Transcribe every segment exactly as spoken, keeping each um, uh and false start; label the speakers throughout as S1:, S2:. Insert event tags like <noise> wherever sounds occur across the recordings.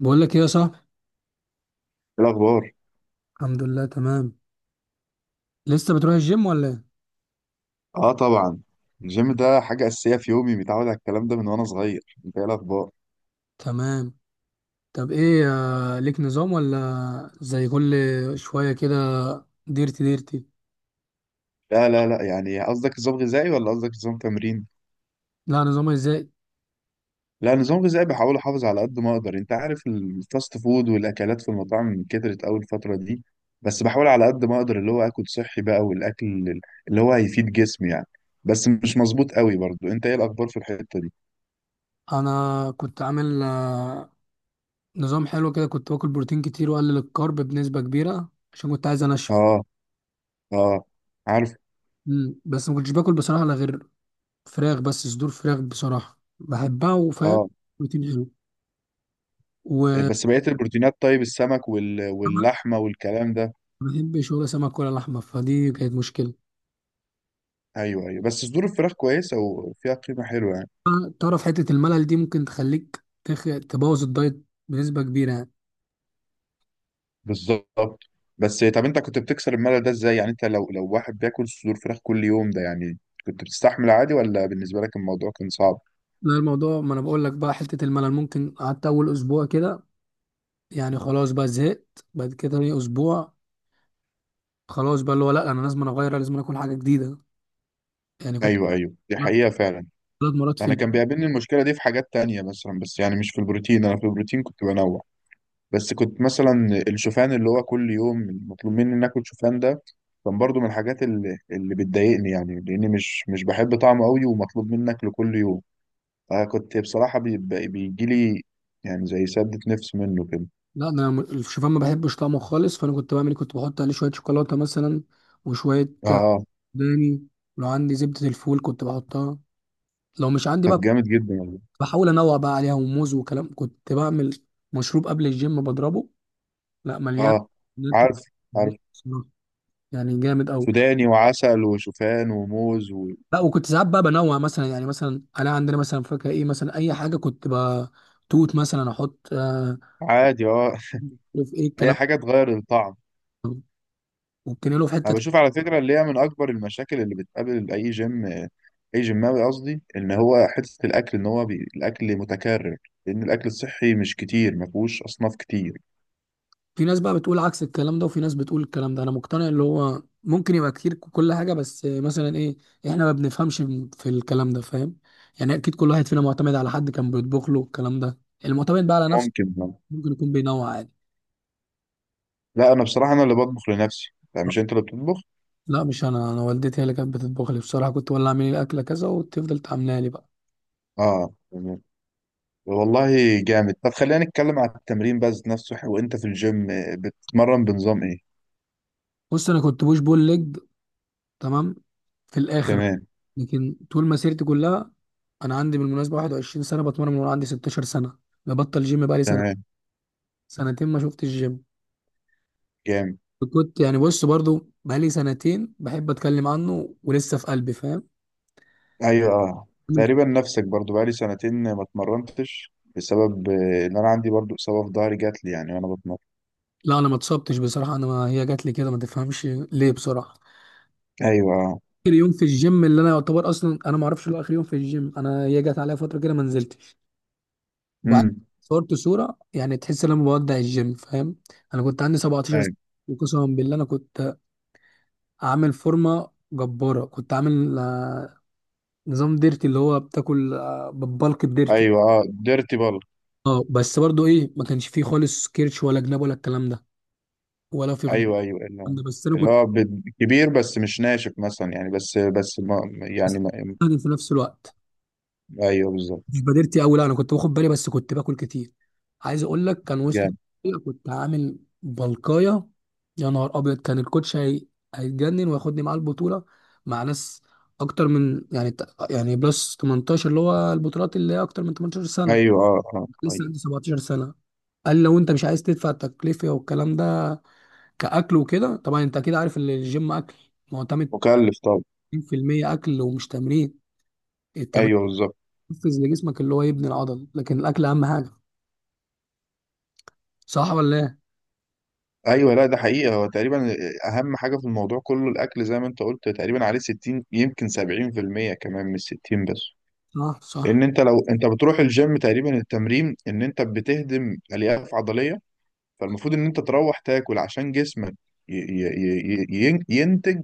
S1: بقول لك ايه يا صاحبي.
S2: إيه الأخبار؟
S1: الحمد لله تمام. لسه بتروح الجيم ولا ايه؟
S2: آه، طبعا. الجيم ده حاجة أساسية في يومي، متعود على الكلام ده من وأنا صغير. أنت إيه الأخبار؟
S1: تمام. طب ايه آه، ليك نظام ولا زي كل شويه كده؟ ديرتي ديرتي.
S2: لا لا لا، يعني قصدك نظام غذائي ولا قصدك نظام تمرين؟
S1: لا نظام ازاي.
S2: لا، نظام غذائي بحاول أحافظ على قد ما أقدر. أنت عارف الفاست فود والأكلات في المطاعم كترت أوي الفترة دي، بس بحاول على قد ما أقدر اللي هو آكل صحي بقى، والأكل اللي هو هيفيد جسمي يعني. بس مش مظبوط أوي برضو. أنت إيه الأخبار في الحتة دي؟
S1: انا كنت عامل آه، نظام حلو كده، كنت باكل بروتين كتير واقلل الكارب بنسبه كبيره عشان كنت عايز انشف.
S2: آه. آه. عارف.
S1: مم. بس ما كنتش باكل بصراحه الا غير فراخ، بس صدور فراخ بصراحه بحبها وفاهم
S2: آه.
S1: بروتين حلو، وما
S2: بس بقية البروتينات؟ طيب السمك وال... واللحمة والكلام ده.
S1: بحبش ولا سمك ولا لحمه، فدي كانت مشكله.
S2: ايوه، ايوه، بس صدور الفراخ كويسه وفيها قيمه حلوه يعني.
S1: تعرف حتة الملل دي ممكن تخليك تخ... تبوظ الدايت بنسبة كبيرة يعني.
S2: بالظبط. بس طب انت كنت بتكسر الملل ده ازاي يعني؟ انت لو لو واحد بياكل صدور فراخ كل يوم ده يعني، كنت بتستحمل عادي ولا بالنسبه لك الموضوع كان صعب؟
S1: لا الموضوع، ما انا بقول لك بقى، حتة الملل، ممكن قعدت اول اسبوع كده يعني خلاص بقى زهقت، بعد كده تاني اسبوع خلاص بقى اللي هو لا انا لازم أنا اغير، لازم أنا اكل حاجة جديدة يعني. كنت
S2: ايوه، ايوه، دي حقيقه فعلا.
S1: ثلاث مرات في
S2: انا كان
S1: اليوم.
S2: بيقابلني المشكله دي في حاجات تانية مثلا، بس يعني مش في البروتين، انا في البروتين كنت بنوع. بس كنت مثلا الشوفان اللي هو كل يوم مطلوب مني ان اكل شوفان ده، كان برضو من الحاجات اللي اللي بتضايقني يعني، لاني مش مش بحب طعمه قوي ومطلوب مني اكله كل يوم. آه، كنت بصراحة بي- بيجي لي يعني زي سدة نفس منه كده.
S1: لا ده انا م- الشوفان ما بحبش طعمه خالص، فانا كنت بعمل إيه؟ كنت بحط عليه شوية شوكولاتة مثلا، وشوية
S2: اه،
S1: داني، ولو عندي زبدة الفول كنت بحطها، لو مش عندي
S2: طب
S1: بقى
S2: جامد جدا والله.
S1: بحاول انوع بقى عليها، وموز وكلام. كنت بعمل مشروب قبل الجيم بضربه، لا مليان
S2: اه.
S1: بنات
S2: عارف، عارف،
S1: بصراحة. يعني جامد قوي.
S2: سوداني وعسل وشوفان وموز.
S1: لا وكنت ساعات بقى بنوع مثلا، يعني مثلا انا عندنا مثلا فاكهه ايه مثلا اي حاجه كنت بقى توت مثلا احط آه
S2: وعادي، اه.
S1: في ايه
S2: <laughs> اي
S1: الكلام
S2: حاجة تغير الطعم.
S1: ده، وبتنقله في حته
S2: انا
S1: تانية.
S2: بشوف على فكرة اللي هي من اكبر المشاكل اللي بتقابل اي جيم، اي جيماوي قصدي، ان هو حتة الاكل، ان هو بي... الاكل متكرر، لان الاكل الصحي مش كتير، ما فيهوش اصناف كتير.
S1: في ناس بقى بتقول عكس الكلام ده وفي ناس بتقول الكلام ده. انا مقتنع اللي هو ممكن يبقى كتير كل حاجه، بس مثلا ايه، احنا ما بنفهمش في الكلام ده فاهم. يعني اكيد كل واحد فينا معتمد على حد كان بيطبخ له الكلام ده، المعتمد بقى على نفسه
S2: ممكن، آه.
S1: ممكن يكون بينوع عادي.
S2: لا انا بصراحة انا اللي بطبخ لنفسي. لا، مش انت اللي بتطبخ؟
S1: لا مش انا، انا والدتي هي اللي كانت بتطبخ لي بصراحه، كنت ولا اعملي لي اكله كذا وتفضل تعملها لي بقى.
S2: اه، والله. جامد. طب خلينا نتكلم على التمرين بس نفسه، وانت في الجيم بتتمرن بنظام ايه؟
S1: بص انا كنت بوش بول ليج، تمام، في الاخر.
S2: تمام.
S1: لكن طول مسيرتي كلها، انا عندي بالمناسبه واحد وعشرين سنة سنه بتمرن من وانا عندي ستاشر سنة سنه، ببطل جيم بقى لي سنه،
S2: تمام.
S1: سنتين ما شفتش الجيم.
S2: جامد.
S1: كنت يعني بص برضو بقى لي سنتين بحب اتكلم عنه ولسه في قلبي فاهم.
S2: ايوه، اه، تقريبا نفسك، برضو بقالي سنتين ما اتمرنتش بسبب آه، ان انا عندي برضو اصابه في ظهري جات لي يعني وانا بتمرن.
S1: لا انا ما اتصبتش بصراحه، انا ما هي جات لي كده ما تفهمش ليه بصراحه.
S2: ايوه، اه.
S1: اخر يوم في الجيم اللي انا يعتبر اصلا انا ما اعرفش اللي هو اخر يوم في الجيم، انا هي جت عليا فتره كده ما نزلتش، وبعد
S2: امم.
S1: صورت صوره يعني تحس ان انا بودع الجيم فاهم. انا كنت عندي سبع عشرة سنة سنه،
S2: ايوه،
S1: وقسما بالله انا كنت عامل فورمه جباره، كنت عامل آه، نظام ديرتي، اللي هو بتاكل آه، بالبلك بديرتي.
S2: ايوه، اه، ديرتي بال.
S1: اه بس برضو ايه، ما كانش فيه خالص كيرش ولا جناب ولا الكلام ده، ولا في غد-
S2: ايوه، ايوه، اللي هو
S1: الكلام ده، بس انا
S2: اللي
S1: كنت
S2: هو ب- كبير بس مش ناشف مثلا يعني، بس بس ما يعني، ما.
S1: يعني في نفس الوقت
S2: ايوه بالظبط.
S1: مش بادرتي قوي، لا انا كنت باخد بالي بس كنت باكل كتير. عايز اقول لك كان وصل،
S2: جامد.
S1: كنت عامل بلقايه. يا نهار ابيض، كان الكوتش هي... هيتجنن وياخدني معاه البطوله مع ناس اكتر من، يعني، يعني بلس تمنتاشر، اللي هو البطولات اللي هي اكتر من ثمانية عشرة سنة سنه
S2: ايوه، اه، اه،
S1: لسه
S2: ايوه.
S1: عندي سبع عشرة سنة سنه. قال لو انت مش عايز تدفع التكلفه والكلام ده، كاكل وكده. طبعا انت اكيد عارف ان الجيم اكل معتمد
S2: مكلف طبعا.
S1: ميه في الميه اكل ومش تمرين. التمرين
S2: ايوه بالظبط.
S1: بيحفز لجسمك اللي هو يبني العضل، لكن الاكل اهم حاجه، صح ولا ايه؟
S2: ايوه، لا ده حقيقه، هو تقريبا اهم حاجه في الموضوع كله الاكل، زي ما انت قلت تقريبا عليه ستين يمكن سبعين في المية كمان، مش ستين بس.
S1: صح
S2: لان
S1: صح
S2: انت لو انت بتروح الجيم تقريبا، التمرين ان انت بتهدم الياف عضليه، فالمفروض ان انت تروح تاكل عشان جسمك ي- ي- ي- ي- ينتج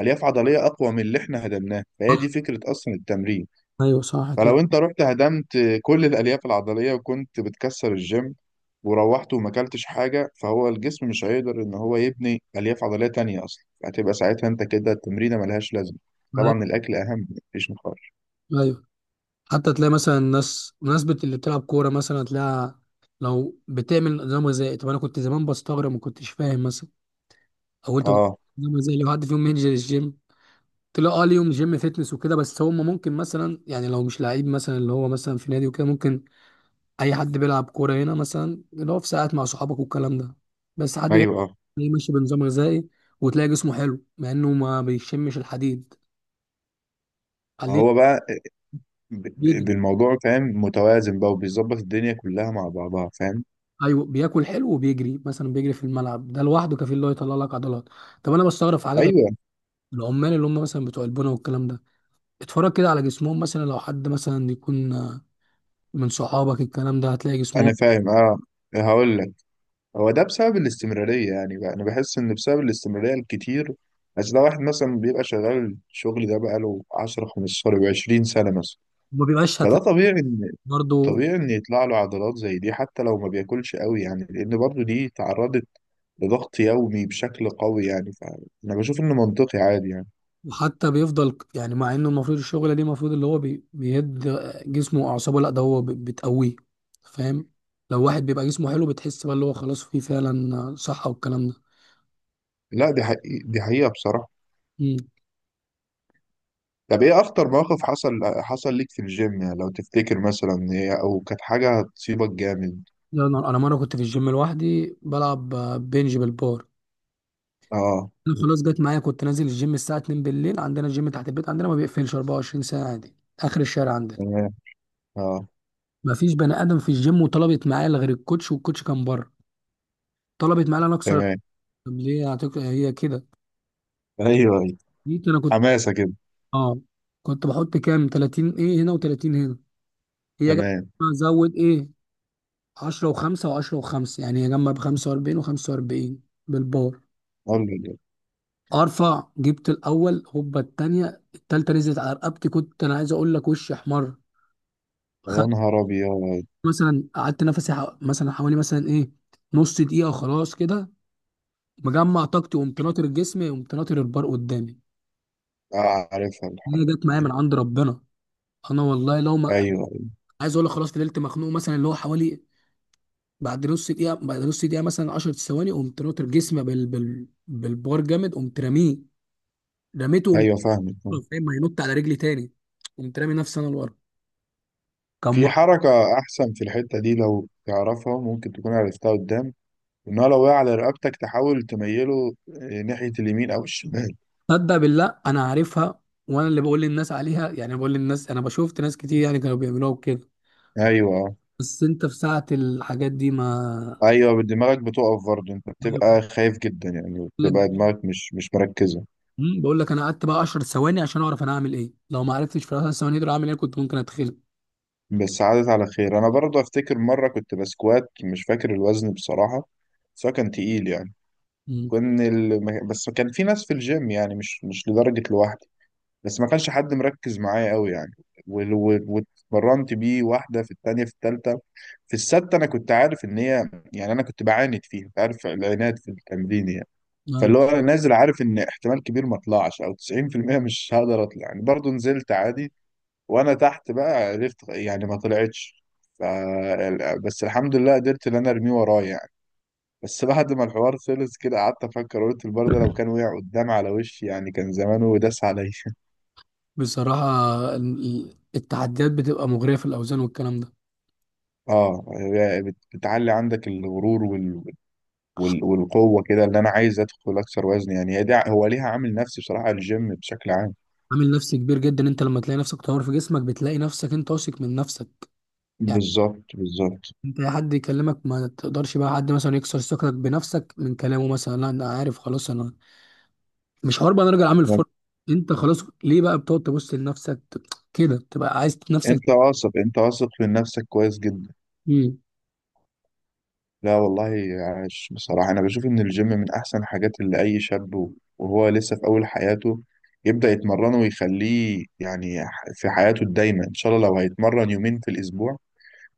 S2: الياف عضليه اقوى من اللي احنا هدمناه، فهي
S1: صح،
S2: دي فكره اصلا التمرين.
S1: ايوه صح كده.
S2: فلو انت رحت هدمت كل الالياف العضليه وكنت بتكسر الجيم وروحت وما اكلتش حاجه، فهو الجسم مش هيقدر ان هو يبني الياف عضليه تانية اصلا، هتبقى ساعتها انت كده التمرينه ملهاش لازمه.
S1: ملاك-
S2: طبعا الاكل اهم، مفيش نقاش.
S1: ايوه حتى تلاقي مثلا الناس مناسبة اللي بتلعب كورة مثلا، تلاقيها لو بتعمل نظام غذائي. طب انا كنت زمان بستغرب، ما كنتش فاهم مثلا، او انت
S2: اه.
S1: نظام غذائي لو حد فيهم ينزل الجيم؟ تلاقي اه ليهم جيم فيتنس وكده، بس هم ممكن مثلا يعني لو مش لعيب مثلا، اللي هو مثلا في نادي وكده ممكن، اي حد بيلعب كورة هنا مثلا، اللي هو في ساعات مع صحابك والكلام ده، بس حد يلاقيه
S2: ايوه، اه.
S1: ماشي بنظام غذائي وتلاقي جسمه حلو مع انه ما بيشمش الحديد،
S2: ما هو بقى ب- ب-
S1: بيجري.
S2: بالموضوع فاهم، متوازن بقى وبيظبط الدنيا كلها مع بعضها، فاهم.
S1: ايوه بياكل حلو وبيجري، مثلا بيجري في الملعب ده لوحده كفيل اللي هو يطلع لك عضلات. طب انا بستغرب في حاجات غريبة.
S2: ايوه،
S1: العمال اللي هم مثلا بتوع البنا والكلام ده، اتفرج كده على جسمهم، مثلا لو حد مثلا يكون آه، من صحابك الكلام ده، هتلاقي جسمهم
S2: انا فاهم، اه. هقول لك، هو ده بسبب الاستمرارية يعني بقى، أنا بحس إن بسبب الاستمرارية الكتير. بس ده واحد مثلا بيبقى شغال الشغل ده بقاله عشرة خمسة عشر عشرين سنة مثلا،
S1: ما بيبقاش،
S2: فده
S1: هتلاقي
S2: طبيعي إن
S1: برضه.
S2: طبيعي إن يطلع له عضلات زي دي حتى لو ما بياكلش قوي يعني، لأن برضه دي تعرضت لضغط يومي بشكل قوي يعني، فأنا بشوف إنه منطقي عادي يعني.
S1: وحتى بيفضل يعني، مع انه المفروض الشغله دي المفروض اللي هو بي- بيهد آه، جسمه واعصابه، لا ده هو بي- بتقويه فاهم. لو واحد بيبقى جسمه حلو، بتحس بقى اللي هو خلاص فيه فعلا آه، صحه والكلام
S2: لا دي حقيقة، دي حقيقة بصراحة.
S1: ده.
S2: طب إيه أخطر موقف حصل حصل ليك في الجيم يعني؟ لو تفتكر مثلا إيه، أو كانت حاجة هتصيبك جامد.
S1: لا انا، أنا مره كنت في الجيم لوحدي بلعب آه، بنج بالبار.
S2: أه،
S1: انا خلاص جت معايا، كنت نازل الجيم الساعه اتنين بالليل، عندنا الجيم تحت البيت عندنا، ما بيقفلش اربعه وعشرين ساعة ساعه عادي، اخر الشارع عندنا.
S2: تمام. أه،
S1: ما فيش بني ادم في الجيم، وطلبت معايا إلا غير الكوتش، والكوتش كان بره. طلبت معايا انا اكسر.
S2: تمام.
S1: طب ليه هتك... هي كده.
S2: ايوه، ايوه،
S1: جيت انا كنت
S2: حماسه كده.
S1: اه كنت بحط كام تلاتين ايه، هنا وتلاتين هنا. هي جت
S2: تمام.
S1: زود ايه، عشرة وخمسة وعشرة وخمسة، يعني هي جنب خمسه واربعين وخمسة واربعين بالبار.
S2: قول لي كده.
S1: ارفع، جبت الاول هوبا، التانية، التالتة نزلت على رقبتي، كنت انا عايز اقول لك وشي احمر.
S2: يا
S1: خدت
S2: نهار ابيض.
S1: مثلا قعدت نفسي ح- مثلا حوالي مثلا ايه نص دقيقة وخلاص كده، مجمع طاقتي وقمت ناطر جسمي وقمت ناطر البار قدامي.
S2: آه، عارفها
S1: هي
S2: الحركه
S1: جت معايا
S2: دي.
S1: من عند ربنا، انا والله لو ما،
S2: ايوه، ايوه،
S1: عايز اقول لك خلاص فضلت مخنوق، مثلا اللي هو حوالي بعد نص دقيقة، بعد نص دقيقة مثلا 10 ثواني، قمت ناطر جسمي بال... بال... بالبار جامد، قمت راميه، رميته، قمت
S2: ايوه، فاهمك.
S1: فاهم هينط على رجلي تاني، قمت رامي نفسي انا لورا، كان.
S2: في حركه احسن في الحته دي لو تعرفها، ممكن تكون عرفتها قدام، ان هو لو وقع على رقبتك تحاول تميله آه، ناحيه اليمين او الشمال.
S1: صدق بالله انا عارفها، وانا اللي بقول للناس عليها يعني، بقول للناس انا بشوفت ناس كتير يعني كانوا بيعملوها وكده.
S2: ايوه، آه.
S1: بس انت في ساعة الحاجات دي، ما
S2: ايوه، دماغك بتقف برضه، انت
S1: بقول
S2: بتبقى خايف جدا يعني،
S1: لك،
S2: بتبقى دماغك مش مش مركزه.
S1: مم، بقول لك انا قعدت بقى 10 ثواني عشان اعرف انا هعمل ايه، لو ما عرفتش في ال 10 ثواني دول اعمل ايه كنت ممكن اتخلق.
S2: بس عادت على خير. انا برضه افتكر مره كنت بسكوات، مش فاكر الوزن بصراحه، بس هو كان تقيل يعني،
S1: مم.
S2: كان ال... ما- بس كان في ناس في الجيم يعني، مش مش لدرجة لوحدي، بس ما كانش حد مركز معايا قوي يعني. وال- وال- واتمرنت بيه واحدة في التانية في التالتة في السادسة. أنا كنت عارف إن هي يعني، أنا كنت بعاند فيها، كنت عارف العناد في التمرين يعني.
S1: أيوة.
S2: فاللي هو أنا نازل عارف إن احتمال كبير ما أطلعش، أو تسعين في المية مش هقدر أطلع يعني، برضه نزلت عادي. وأنا تحت بقى عرفت يعني ما طلعتش، ف... بس الحمد لله قدرت إن أنا أرميه ورايا يعني. بس بعد ما الحوار خلص كده قعدت افكر، قلت البار ده لو كان وقع قدام على وشي يعني، كان زمانه داس عليا.
S1: بصراحة ال- ال- التحديات بتبقى مغرية في الأوزان والكلام ده.
S2: <laughs> اه، هي بت- بتعلي عندك الغرور وال... وال... والقوه كده، اللي انا عايز ادخل اكثر وزن يعني، هي دي ع- هو ليها عامل نفسي بصراحه الجيم بشكل عام.
S1: عامل نفسي كبير جدا، انت لما تلاقي نفسك طور في جسمك، بتلاقي نفسك انت واثق من نفسك يعني.
S2: بالظبط، بالظبط.
S1: انت اي حد يكلمك ما تقدرش بقى حد مثلا يكسر ثقتك بنفسك من كلامه، مثلا لا انا عارف خلاص انا مش هربط، انا راجل عامل فرق. انت خلاص ليه بقى بتقعد تبص لنفسك، ت- كده تبقى عايز نفسك.
S2: انت واثق، انت واثق من نفسك كويس جدا.
S1: امم.
S2: لا والله. عاش. بصراحة أنا بشوف إن الجيم من أحسن الحاجات اللي أي شاب و- وهو لسه في أول حياته يبدأ يتمرنه ويخليه يعني ح- في حياته الدايمة إن شاء الله. لو هيتمرن يومين في الأسبوع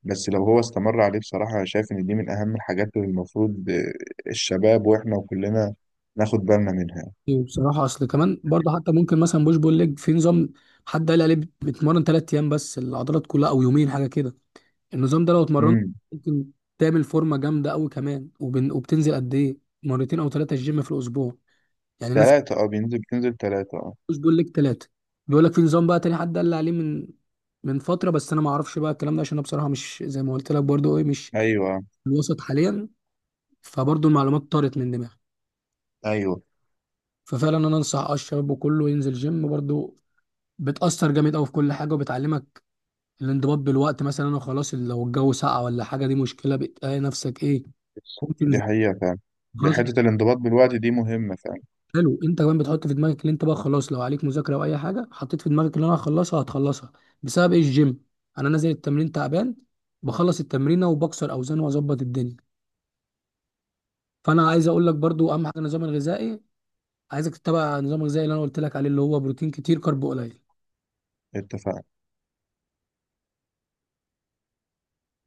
S2: بس لو هو استمر عليه، بصراحة أنا شايف إن دي من أهم الحاجات اللي المفروض آه، الشباب وإحنا وكلنا ناخد بالنا منها.
S1: بصراحه اصل كمان برضه، حتى ممكن مثلا بوش بول ليج، في نظام حد قال عليه، بت- بتمرن ثلاث ايام بس العضلات كلها، او يومين حاجه كده. النظام ده لو اتمرنت
S2: امم.
S1: ممكن تعمل فورمه جامده قوي كمان، وبن... وبتنزل قد ايه مرتين او ثلاثه الجيم في الاسبوع يعني. ناس
S2: ثلاثة، أه. بينزل بتنزل ثلاثة، أه.
S1: مش بيقول لك ثلاثة، بيقول لك في نظام بقى تاني حد قال لي عليه من من فترة، بس انا ما اعرفش بقى الكلام ده عشان انا بصراحة مش زي ما قلت لك برضو ايه، مش
S2: أيوه،
S1: في الوسط حاليا، فبرضو المعلومات طارت من دماغي.
S2: أيوه،
S1: ففعلا انا انصح آه الشباب وكله ينزل جيم برضو، بتأثر جامد قوي في كل حاجة، وبتعلمك الانضباط بالوقت. مثلا انا خلاص لو الجو ساقع ولا حاجة دي مشكلة، بتلاقي نفسك ايه ممكن
S2: دي حقيقة فعلا.
S1: خلاص
S2: حتة الانضباط بالوقت دي مهمة فعلا.
S1: حلو. انت كمان بتحط في دماغك ان انت بقى خلاص لو عليك مذاكره او اي حاجه، حطيت في دماغك ان انا هخلصها هتخلصها. بسبب ايه؟ الجيم. انا نازل التمرين تعبان، بخلص التمرينه وبكسر اوزان واظبط الدنيا. فانا عايز اقول لك برضو اهم حاجه النظام الغذائي. عايزك تتبع النظام الغذائي اللي انا قلت لك عليه، اللي هو بروتين كتير كارب قليل.
S2: اتفق.